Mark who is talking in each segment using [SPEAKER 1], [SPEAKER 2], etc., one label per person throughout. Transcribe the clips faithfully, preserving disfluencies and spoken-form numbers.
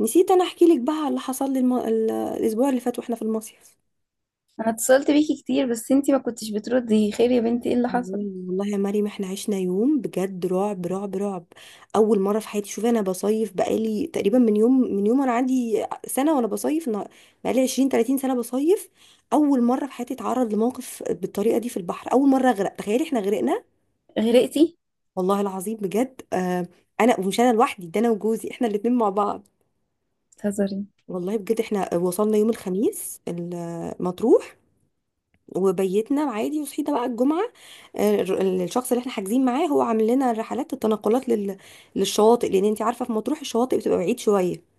[SPEAKER 1] نسيت انا احكي لك بقى على اللي حصل لي الم... ال- الاسبوع اللي فات واحنا في المصيف.
[SPEAKER 2] انا اتصلت بيكي كتير، بس انتي ما كنتش بتردي. خير يا بنتي، ايه اللي
[SPEAKER 1] والله،
[SPEAKER 2] حصل؟
[SPEAKER 1] والله يا مريم، احنا عشنا يوم بجد رعب رعب رعب. اول مره في حياتي، شوفي، انا بصيف بقالي تقريبا من يوم من يوم انا عندي سنه وانا بصيف. انا بقالي عشرين تلاتين سنه بصيف. اول مره في حياتي اتعرض لموقف بالطريقه دي في البحر، اول مره اغرق. تخيلي احنا غرقنا
[SPEAKER 2] غرقتي؟
[SPEAKER 1] والله العظيم بجد. آه، انا ومش انا لوحدي ده، انا وجوزي احنا الاتنين مع بعض.
[SPEAKER 2] بتهزري؟
[SPEAKER 1] والله بجد، احنا وصلنا يوم الخميس ال- مطروح، وبيتنا عادي. وصحينا بقى الجمعة. آه، ال- الشخص اللي احنا حاجزين معاه هو عامل لنا رحلات التنقلات لل... للشواطئ، لأن انت عارفة في مطروح الشواطئ بتبقى بعيد شوية.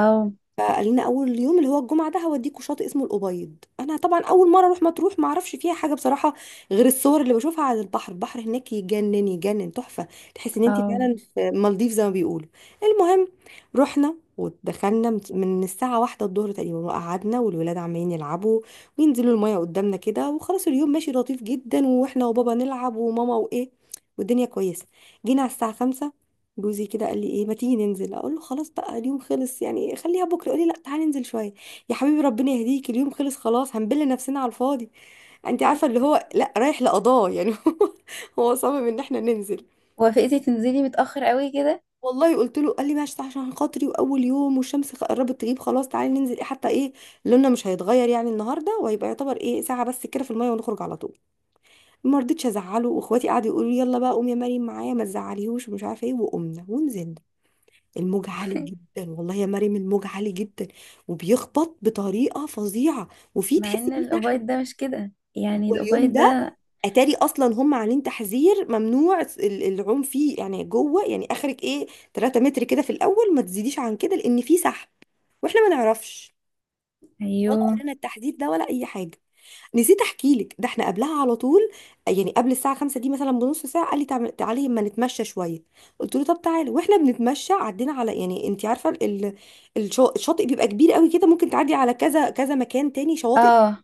[SPEAKER 2] او،
[SPEAKER 1] فقال لنا اول يوم اللي هو الجمعه ده هوديكوا شاطئ اسمه الابيض. انا طبعا اول مره اروح مطروح، ما اعرفش فيها حاجه بصراحه غير الصور اللي بشوفها. على البحر، البحر هناك يجنن يجنن، تحفه. تحس ان انت
[SPEAKER 2] او،
[SPEAKER 1] فعلا في مالديف زي ما بيقولوا. المهم، رحنا ودخلنا من من الساعة واحدة الظهر تقريبا، وقعدنا، والولاد عمالين يلعبوا وينزلوا المية قدامنا كده. وخلاص، اليوم ماشي لطيف جدا، واحنا وبابا نلعب، وماما، وايه، والدنيا كويسة. جينا على الساعة خمسة، جوزي كده قال لي ايه ما تيجي ننزل. اقول له خلاص بقى اليوم خلص يعني، خليها بكره. يقول لي لا تعالي ننزل شويه. يا حبيبي ربنا يهديك، اليوم خلص خلاص، هنبل نفسنا على الفاضي. انت عارفه اللي هو لا رايح لقضاه يعني. هو هو صمم ان احنا ننزل.
[SPEAKER 2] وافقتي تنزلي متأخر قوي كده؟
[SPEAKER 1] والله قلت له، قال لي ماشي عشان خاطري واول يوم. والشمس خ- قربت تغيب خلاص، تعالي ننزل إيه حتى ايه، لوننا مش هيتغير يعني النهارده، وهيبقى يعتبر ايه ساعه بس كده في الميه ونخرج على طول. ما رضيتش ازعله، واخواتي قعدوا يقولوا لي يلا بقى قومي يا مريم معايا، ما تزعليهوش، ومش عارفه ايه. وقمنا ونزلنا. الموج عالي جدا والله يا مريم، الموج عالي جدا، وبيخبط بطريقه فظيعه، وفي
[SPEAKER 2] مع
[SPEAKER 1] تحس
[SPEAKER 2] ان
[SPEAKER 1] فيه سحب.
[SPEAKER 2] الاوبايد ده مش كده، يعني
[SPEAKER 1] واليوم
[SPEAKER 2] الاوبايد
[SPEAKER 1] ده،
[SPEAKER 2] ده.
[SPEAKER 1] اتاري اصلا هم عاملين تحذير ممنوع ال- العوم فيه يعني، جوه يعني اخرك ايه 3 متر كده في الاول، ما تزيديش عن كده لان في سحب. واحنا ما نعرفش، ولا
[SPEAKER 2] ايوه.
[SPEAKER 1] قرينا التحذير ده ولا اي حاجه. نسيت احكي لك، ده احنا قبلها على طول، يعني قبل الساعه خمسة دي مثلا بنص ساعه، قال لي تعم- تعالي ما نتمشى شويه. قلت له طب تعالى. واحنا بنتمشى عدينا على، يعني انت عارفه، ال- الشا- الشاطئ بيبقى كبير قوي كده، ممكن تعدي على كذا كذا مكان تاني شواطئ.
[SPEAKER 2] اه.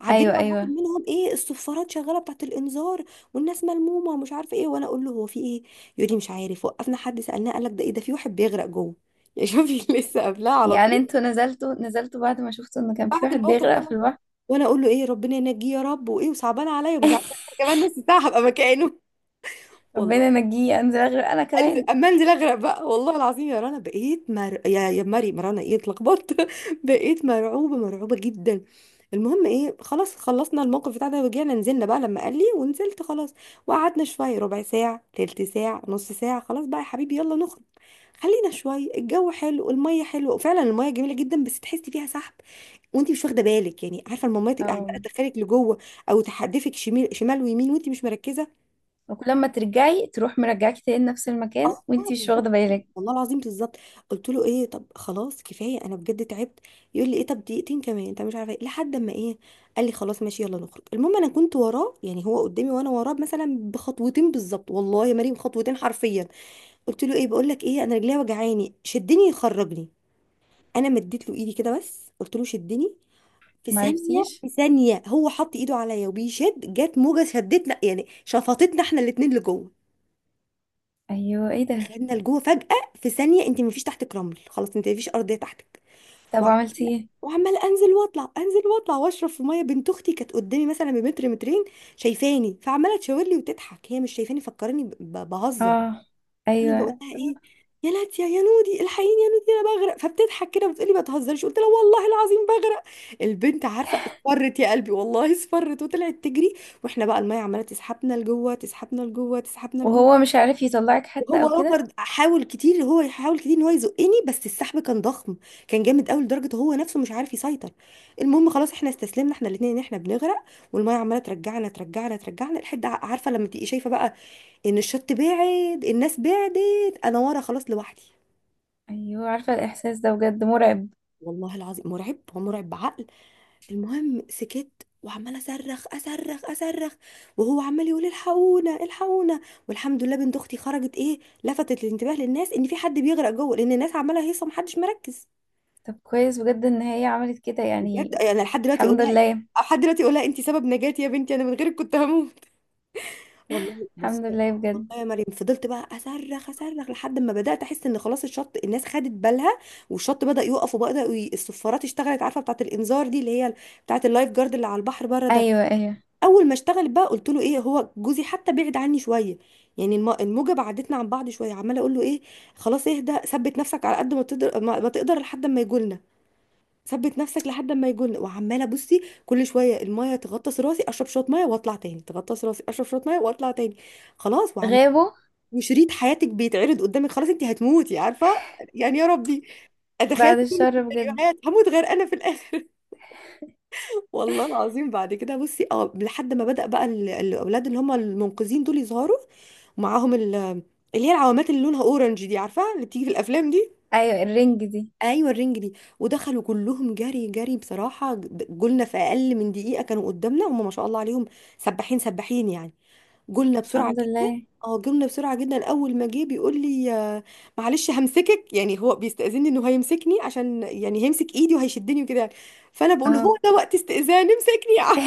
[SPEAKER 1] عدينا
[SPEAKER 2] ايوه،
[SPEAKER 1] على واحد
[SPEAKER 2] ايوه.
[SPEAKER 1] منهم، ايه الصفارات شغاله بتاعت الانذار، والناس ملمومه ومش عارفه ايه. وانا اقول له هو في ايه، يقول لي مش عارف. وقفنا، حد سالناه قال لك ده ايه، ده في واحد بيغرق جوه. يا شوفي لسه قبلها على
[SPEAKER 2] يعني
[SPEAKER 1] طول
[SPEAKER 2] انتوا نزلتوا نزلتوا بعد ما شفتوا ان كان في
[SPEAKER 1] بعد
[SPEAKER 2] واحد
[SPEAKER 1] الموقف
[SPEAKER 2] بيغرق في
[SPEAKER 1] ده.
[SPEAKER 2] البحر؟
[SPEAKER 1] وانا اقول له ايه، ربنا ينجيه يا رب، وايه، وصعبان عليا، ومش عارفه. أنا كمان نص ساعه هبقى مكانه والله.
[SPEAKER 2] ربنا نجيه. انزل اغرق انا
[SPEAKER 1] قال لي
[SPEAKER 2] كمان.
[SPEAKER 1] اما انزل اغرق بقى، والله العظيم يا رنا بقيت مر... يا يا مري مرانا ايه، اتلخبطت بقيت مرعوبه مرعوبه جدا. المهم ايه، خلاص خلصنا الموقف بتاع ده ورجعنا، نزلنا بقى لما قال لي، ونزلت خلاص. وقعدنا شويه، ربع ساعه تلت ساعه نص ساعه. خلاص بقى يا حبيبي يلا نخرج. خلينا شويه، الجو حلو، الميه حلوه، وفعلا الميه جميله جدا، بس تحسي فيها سحب وانت مش واخده بالك يعني. عارفه، المامات تبقى عماله
[SPEAKER 2] اه.
[SPEAKER 1] تدخلك لجوه او تحدفك شمال شمال ويمين وانت مش مركزه.
[SPEAKER 2] وكل ما ترجعي تروح مرجعاكي تاني نفس المكان
[SPEAKER 1] اه
[SPEAKER 2] وانتي مش
[SPEAKER 1] بالظبط،
[SPEAKER 2] واخده بالك.
[SPEAKER 1] والله العظيم بالظبط. قلت له ايه، طب خلاص كفايه انا بجد تعبت. يقول لي ايه طب دقيقتين كمان، انت مش عارفه ايه، لحد اما ايه قال لي خلاص ماشي يلا نخرج. المهم انا كنت وراه، يعني هو قدامي وانا وراه مثلا بخطوتين بالظبط. والله يا مريم خطوتين حرفيا. قلت له ايه، بقول لك ايه انا رجليا وجعاني شدني يخرجني. انا مديت له ايدي كده بس، قلت له شدني. في ثانية
[SPEAKER 2] معرفتيش؟
[SPEAKER 1] في ثانية هو حط ايده عليا وبيشد، جت موجة شدتنا يعني شفطتنا احنا الاتنين لجوه.
[SPEAKER 2] ايوه، ايه ده؟
[SPEAKER 1] دخلنا لجوه فجأة. في ثانية انت مفيش تحتك رمل، خلاص انت مفيش أرضية تحتك.
[SPEAKER 2] طب
[SPEAKER 1] وع-
[SPEAKER 2] وعملتي ايه؟
[SPEAKER 1] وعمال انزل واطلع انزل واطلع واشرب في ميه. بنت اختي كانت قدامي مثلا بمتر مترين، شايفاني فعماله تشاور لي وتضحك. هي مش شايفاني، فكراني ب- ب- بهزر.
[SPEAKER 2] اه.
[SPEAKER 1] فانا بقول
[SPEAKER 2] ايوه.
[SPEAKER 1] لها ايه، يا لاتيا يا نودي، الحقيني يا نودي انا بغرق. فبتضحك كده وبتقولي ما تهزريش. قلت لها والله العظيم بغرق. البنت عارفه اصفرت يا قلبي، والله اصفرت وطلعت تجري. واحنا بقى الميه عماله تسحبنا لجوه تسحبنا لجوه تسحبنا لجوه.
[SPEAKER 2] وهو مش عارف يطلعك حتى
[SPEAKER 1] وهو
[SPEAKER 2] او كده؟
[SPEAKER 1] رافض، حاول كتير، هو يحاول كتير ان هو يزقني بس السحب كان ضخم، كان جامد قوي لدرجه هو نفسه مش عارف يسيطر. المهم خلاص، احنا استسلمنا احنا الاثنين ان احنا بنغرق. والميه عماله ترجعنا ترجعنا ترجعنا، لحد، عارفه لما تبقي شايفه بقى ان الشط بعد، الناس بعدت، انا ورا خلاص لوحدي.
[SPEAKER 2] ايوه، عارفه الاحساس ده بجد مرعب.
[SPEAKER 1] والله العظيم مرعب، هو مرعب بعقل. المهم سكت، وعمال اصرخ اصرخ اصرخ، وهو عمال يقول الحقونا الحقونا. والحمد لله بنت اختي خرجت ايه، لفتت الانتباه للناس ان في حد بيغرق جوه، لان الناس عماله هيصه محدش مركز.
[SPEAKER 2] طب كويس بجد ان هي عملت كده
[SPEAKER 1] بجد
[SPEAKER 2] يعني.
[SPEAKER 1] انا لحد دلوقتي اقول
[SPEAKER 2] الحمد
[SPEAKER 1] لها،
[SPEAKER 2] لله.
[SPEAKER 1] لحد دلوقتي اقول لها انت سبب نجاتي يا بنتي، انا من غيرك كنت هموت. والله بص،
[SPEAKER 2] الحمد لله
[SPEAKER 1] والله
[SPEAKER 2] بجد.
[SPEAKER 1] يا مريم فضلت بقى اصرخ اصرخ لحد ما بدات احس ان خلاص الشط الناس خدت بالها، والشط بدا يقف، وبدا ي- الصفارات اشتغلت، عارفه بتاعه الانذار دي اللي هي بتاعه اللايف جارد اللي على البحر بره ده.
[SPEAKER 2] ايوه، ايوه.
[SPEAKER 1] اول ما اشتغلت بقى، قلت له ايه، هو جوزي حتى بعد عني شويه، يعني الم- الموجه بعدتنا عن بعض شويه. عماله اقول له ايه، خلاص اهدى، ثبت نفسك على قد ما تقدر ما ما تقدر لحد ما يجولنا. ثبت نفسك لحد ما يجن. وعماله بصي، كل شويه المايه تغطس راسي اشرب شويه مايه واطلع تاني، تغطس راسي اشرب شويه مايه واطلع تاني. خلاص، وعمال.
[SPEAKER 2] غابوا؟
[SPEAKER 1] وشريط حياتك بيتعرض قدامك، خلاص انت هتموتي عارفه يعني، يا ربي. اتخيل
[SPEAKER 2] بعد
[SPEAKER 1] كل
[SPEAKER 2] الشر بجد.
[SPEAKER 1] السيناريوهات، هموت غير انا في الاخر. والله العظيم، بعد كده بصي اه لحد ما بدأ بقى ال- الاولاد اللي هم المنقذين دول يظهروا، ومعاهم ال- اللي هي العوامات اللي لونها اورنج دي، عارفه اللي بتيجي في الافلام دي.
[SPEAKER 2] ايوه، الرنج دي.
[SPEAKER 1] ايوه الرنج دي. ودخلوا كلهم جري جري بصراحه، جولنا في اقل من دقيقه، كانوا قدامنا هم ما شاء الله عليهم، سباحين سباحين يعني. جولنا بسرعه
[SPEAKER 2] الحمد
[SPEAKER 1] جدا،
[SPEAKER 2] لله.
[SPEAKER 1] اه جولنا بسرعه جدا. اول ما جه بيقول لي آه، معلش همسكك، يعني هو بيستاذني انه هيمسكني عشان، يعني هيمسك ايدي وهيشدني وكده يعني. فانا بقول له، هو
[SPEAKER 2] اه.
[SPEAKER 1] ده وقت استئذان؟ امسكني يا عم.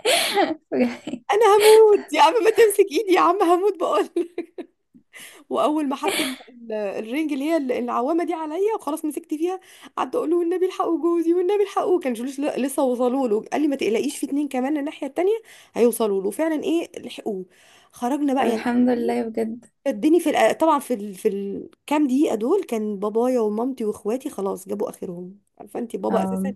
[SPEAKER 2] بجد.
[SPEAKER 1] انا هموت يا عم، ما تمسك ايدي يا عم هموت بقول. واول ما حط ال- ال- الرنج اللي هي ال- العوامه دي عليا وخلاص مسكت فيها، قعدت اقول له والنبي الحقوا جوزي، والنبي الحقوا. كان جلوس ل- لسه وصلوا له. قال لي ما تقلقيش، في اتنين كمان الناحيه التانيه هيوصلوا له، فعلا ايه لحقوه. خرجنا
[SPEAKER 2] طب
[SPEAKER 1] بقى يعني.
[SPEAKER 2] الحمد لله بجد.
[SPEAKER 1] شدني في الأ- طبعا في ال... في الكام دقيقه دول كان بابايا ومامتي واخواتي خلاص جابوا اخرهم، عارفه انت بابا اساسا.
[SPEAKER 2] اه.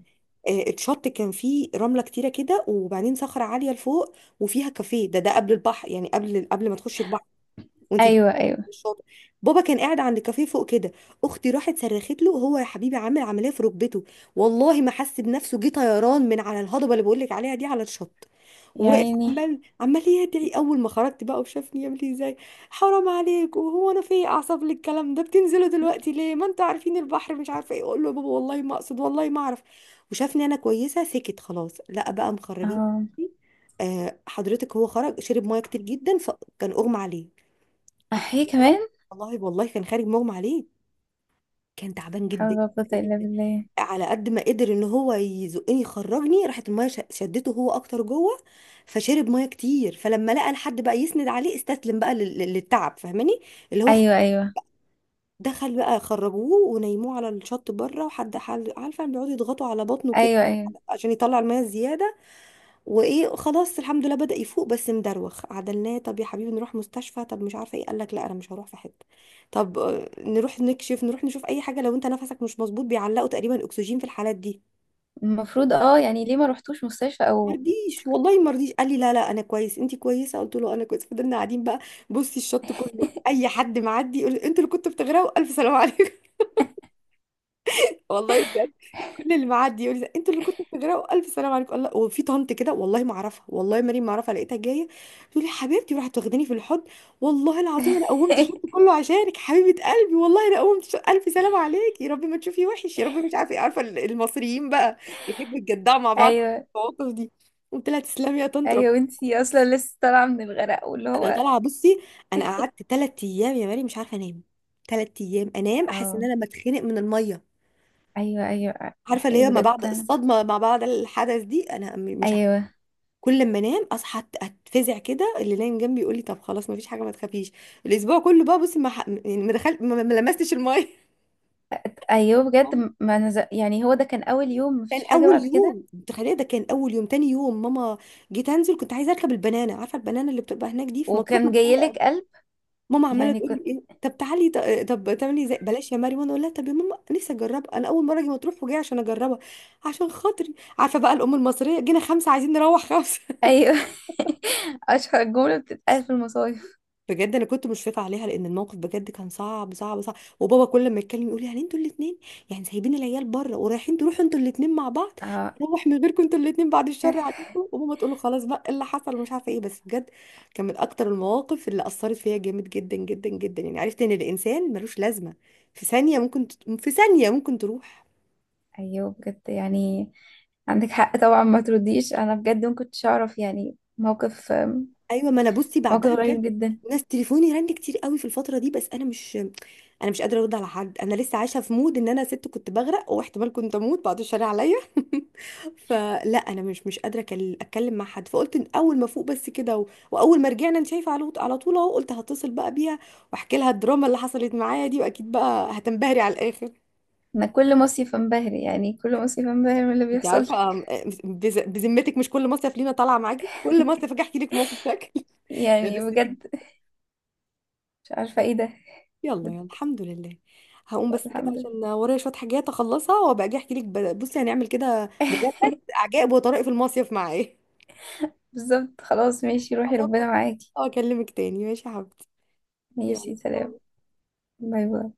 [SPEAKER 1] آه، اتشط، كان فيه رمله كتيره كده، وبعدين صخره عاليه لفوق وفيها كافيه، ده ده قبل البحر، يعني قبل قبل ما تخش البحر وانت،
[SPEAKER 2] ايوه، ايوه.
[SPEAKER 1] الشاطئ. بابا كان قاعد عند كافيه فوق كده. اختي راحت صرخت له، هو يا حبيبي عامل عمليه في ركبته، والله ما حس بنفسه، جه طيران من على الهضبه اللي بقول لك عليها دي على الشط. وواقف
[SPEAKER 2] يعني.
[SPEAKER 1] عمال عمال يدعي. اول ما خرجت بقى وشافني، يعمل لي ازاي، حرام عليك، وهو انا في ايه اعصاب للكلام ده، بتنزلوا دلوقتي ليه ما انتوا عارفين البحر، مش عارفه ايه. اقول له يا بابا والله ما اقصد، والله ما اعرف. وشافني انا كويسه، سكت خلاص، لا بقى مخرجين.
[SPEAKER 2] اه.
[SPEAKER 1] آه، حضرتك هو خرج شرب ميه كتير جدا، فكان اغمى عليه.
[SPEAKER 2] احيي كمان.
[SPEAKER 1] والله والله كان خارج مغمى عليه، كان تعبان
[SPEAKER 2] حول
[SPEAKER 1] جدا
[SPEAKER 2] ولا قوه الا
[SPEAKER 1] جدا.
[SPEAKER 2] بالله.
[SPEAKER 1] على قد ما قدر ان هو يزقني يخرجني، راحت الميه ش- شدته هو اكتر جوه، فشرب ميه كتير. فلما لقى الحد بقى يسند عليه، استسلم بقى لل- لل- للتعب فاهماني، اللي هو
[SPEAKER 2] ايوه، ايوه،
[SPEAKER 1] دخل بقى. خرجوه ونيموه على الشط بره، وحد حال- عارفه بيقعدوا يضغطوا على بطنه كده
[SPEAKER 2] ايوه، ايوه.
[SPEAKER 1] عشان يطلع الميه الزياده. وايه خلاص الحمد لله بدأ يفوق، بس مدروخ. عدلناه، طب يا حبيبي نروح مستشفى، طب مش عارفه ايه، قال لك لا انا مش هروح في حته. طب آه، نروح نكشف، نروح نشوف اي حاجه، لو انت نفسك مش مظبوط بيعلقوا تقريبا اكسجين في الحالات دي.
[SPEAKER 2] المفروض اه، يعني ليه ما رحتوش مستشفى او؟
[SPEAKER 1] مرضيش والله مرضيش، قال لي لا لا انا كويس، انت كويسه قلت له انا كويس. فضلنا قاعدين بقى، بصي الشط كله اي حد معدي يقول انتوا اللي كنتوا بتغرقوا، الف سلام عليكم. والله، كل اللي معدي يقول لي انتوا اللي كنتوا بتجرأوا الف سلام عليكم الله، وفي طنط كده والله ما اعرفها، والله مريم ما اعرفها، لقيتها جايه تقول لي حبيبتي، وراحت واخداني في الحضن. والله العظيم انا قومت الشوط كله عشانك حبيبه قلبي، والله انا قومت الشوط، الف سلام عليكي يا رب ما تشوفي وحش يا رب، مش عارفه ايه. عارفه ال- المصريين بقى بيحبوا يتجدعوا مع بعض في
[SPEAKER 2] ايوه،
[SPEAKER 1] المواقف دي. قلت لها تسلمي يا طنط رب.
[SPEAKER 2] ايوه، وانتي اصلا لسه طالعه من الغرق واللي
[SPEAKER 1] انا
[SPEAKER 2] هو.
[SPEAKER 1] طالعه، بصي انا قعدت ثلاث ايام يا مريم مش عارفه انام، ثلاث ايام انام احس ان
[SPEAKER 2] اه،
[SPEAKER 1] انا بتخنق من الميه،
[SPEAKER 2] ايوه، ايوه.
[SPEAKER 1] عارفه اللي هي
[SPEAKER 2] أيوة
[SPEAKER 1] ما
[SPEAKER 2] بجد.
[SPEAKER 1] بعد الصدمه ما بعد الحدث دي. انا م- مش،
[SPEAKER 2] ايوه.
[SPEAKER 1] كل ما انام اصحى أت- اتفزع كده، اللي نايم جنبي يقول لي طب خلاص ما فيش حاجه ما تخافيش. الاسبوع كله بقى بصي ما ح- يعني ما دخلت، ما ما لمستش الميه.
[SPEAKER 2] ايوه بجد. م- ما نز... يعني هو ده كان اول يوم؟
[SPEAKER 1] كان
[SPEAKER 2] مفيش حاجه
[SPEAKER 1] اول
[SPEAKER 2] بعد كده؟
[SPEAKER 1] يوم، تخيل، ده كان اول يوم. تاني يوم ماما جيت انزل، كنت عايزه اركب البنانه، عارفه البنانه اللي بتبقى هناك دي في مطروح
[SPEAKER 2] وكان
[SPEAKER 1] مشهوره قوي.
[SPEAKER 2] جايلك قلب؟
[SPEAKER 1] ماما عماله
[SPEAKER 2] يعني
[SPEAKER 1] تقول لي
[SPEAKER 2] كنت.
[SPEAKER 1] ايه طب تعالي ط- طب تعملي زي بلاش يا مريم. وانا اقول لها طب يا ماما نفسي اجربها، انا اول مره اجي مطروح وجايه عشان اجربها عشان خاطري. عارفه بقى الام المصريه، جينا خمسه عايزين نروح خمسه.
[SPEAKER 2] ايوه. اشهر جمله بتتقال في المصايف.
[SPEAKER 1] بجد انا كنت مشفقه عليها، لان الموقف بجد كان صعب صعب صعب. وبابا كل ما يتكلم يقول لي يعني انتوا الاثنين، يعني سايبين العيال بره ورايحين تروحوا انتوا الاثنين مع بعض،
[SPEAKER 2] اه.
[SPEAKER 1] روح من غيركم انتوا الاثنين، بعد الشر عليكم. وماما تقول له خلاص بقى إيه اللي حصل، ومش عارفه ايه. بس بجد كان من اكتر المواقف اللي اثرت فيا جامد جدا جدا جدا، يعني عرفت ان الانسان ملوش لازمه، في ثانيه ممكن ت... في ثانيه ممكن تروح.
[SPEAKER 2] ايوه بجد، يعني عندك حق طبعا. ما ترديش، انا بجد ما كنتش اعرف، يعني موقف
[SPEAKER 1] ايوه، ما انا بصي
[SPEAKER 2] موقف
[SPEAKER 1] بعدها
[SPEAKER 2] غريب
[SPEAKER 1] بجد،
[SPEAKER 2] جدا.
[SPEAKER 1] ناس تليفوني رن كتير قوي في الفتره دي، بس انا مش انا مش قادره ارد على حد، انا لسه عايشه في مود ان انا ست كنت بغرق واحتمال كنت اموت، بعد الشر عليا. فلا انا مش مش قادره أكل- اتكلم مع حد، فقلت إن اول ما فوق بس كده و... واول ما رجعنا انت شايفه على على طول اهو، قلت هتصل بقى بيها واحكي لها الدراما اللي حصلت معايا دي، واكيد بقى هتنبهري على الاخر.
[SPEAKER 2] انا كل مصيف انبهر، يعني كل مصيف انبهر من اللي
[SPEAKER 1] انت
[SPEAKER 2] بيحصل.
[SPEAKER 1] عارفه أم- بز- بذمتك مش كل مصيف لينا طالعه معاكي، كل مصيف اجي احكي لك موقف شكل. لا
[SPEAKER 2] يعني
[SPEAKER 1] بس دي،
[SPEAKER 2] بجد. مش عارفة ايه ده.
[SPEAKER 1] يلا يلا
[SPEAKER 2] بت-
[SPEAKER 1] الحمد لله، هقوم بس كده
[SPEAKER 2] الحمد لله.
[SPEAKER 1] عشان ورايا شوية حاجات اخلصها وابقى اجي احكي لك، ب- بصي هنعمل كده، مجرد عجائب وطرائف المصيف معايا.
[SPEAKER 2] بالظبط، خلاص ماشي، روحي ربنا
[SPEAKER 1] هظبط.
[SPEAKER 2] معاكي.
[SPEAKER 1] اه اكلمك تاني ماشي يا حبيبتي. يلا
[SPEAKER 2] ماشي، سلام.
[SPEAKER 1] باي.
[SPEAKER 2] باي، باي.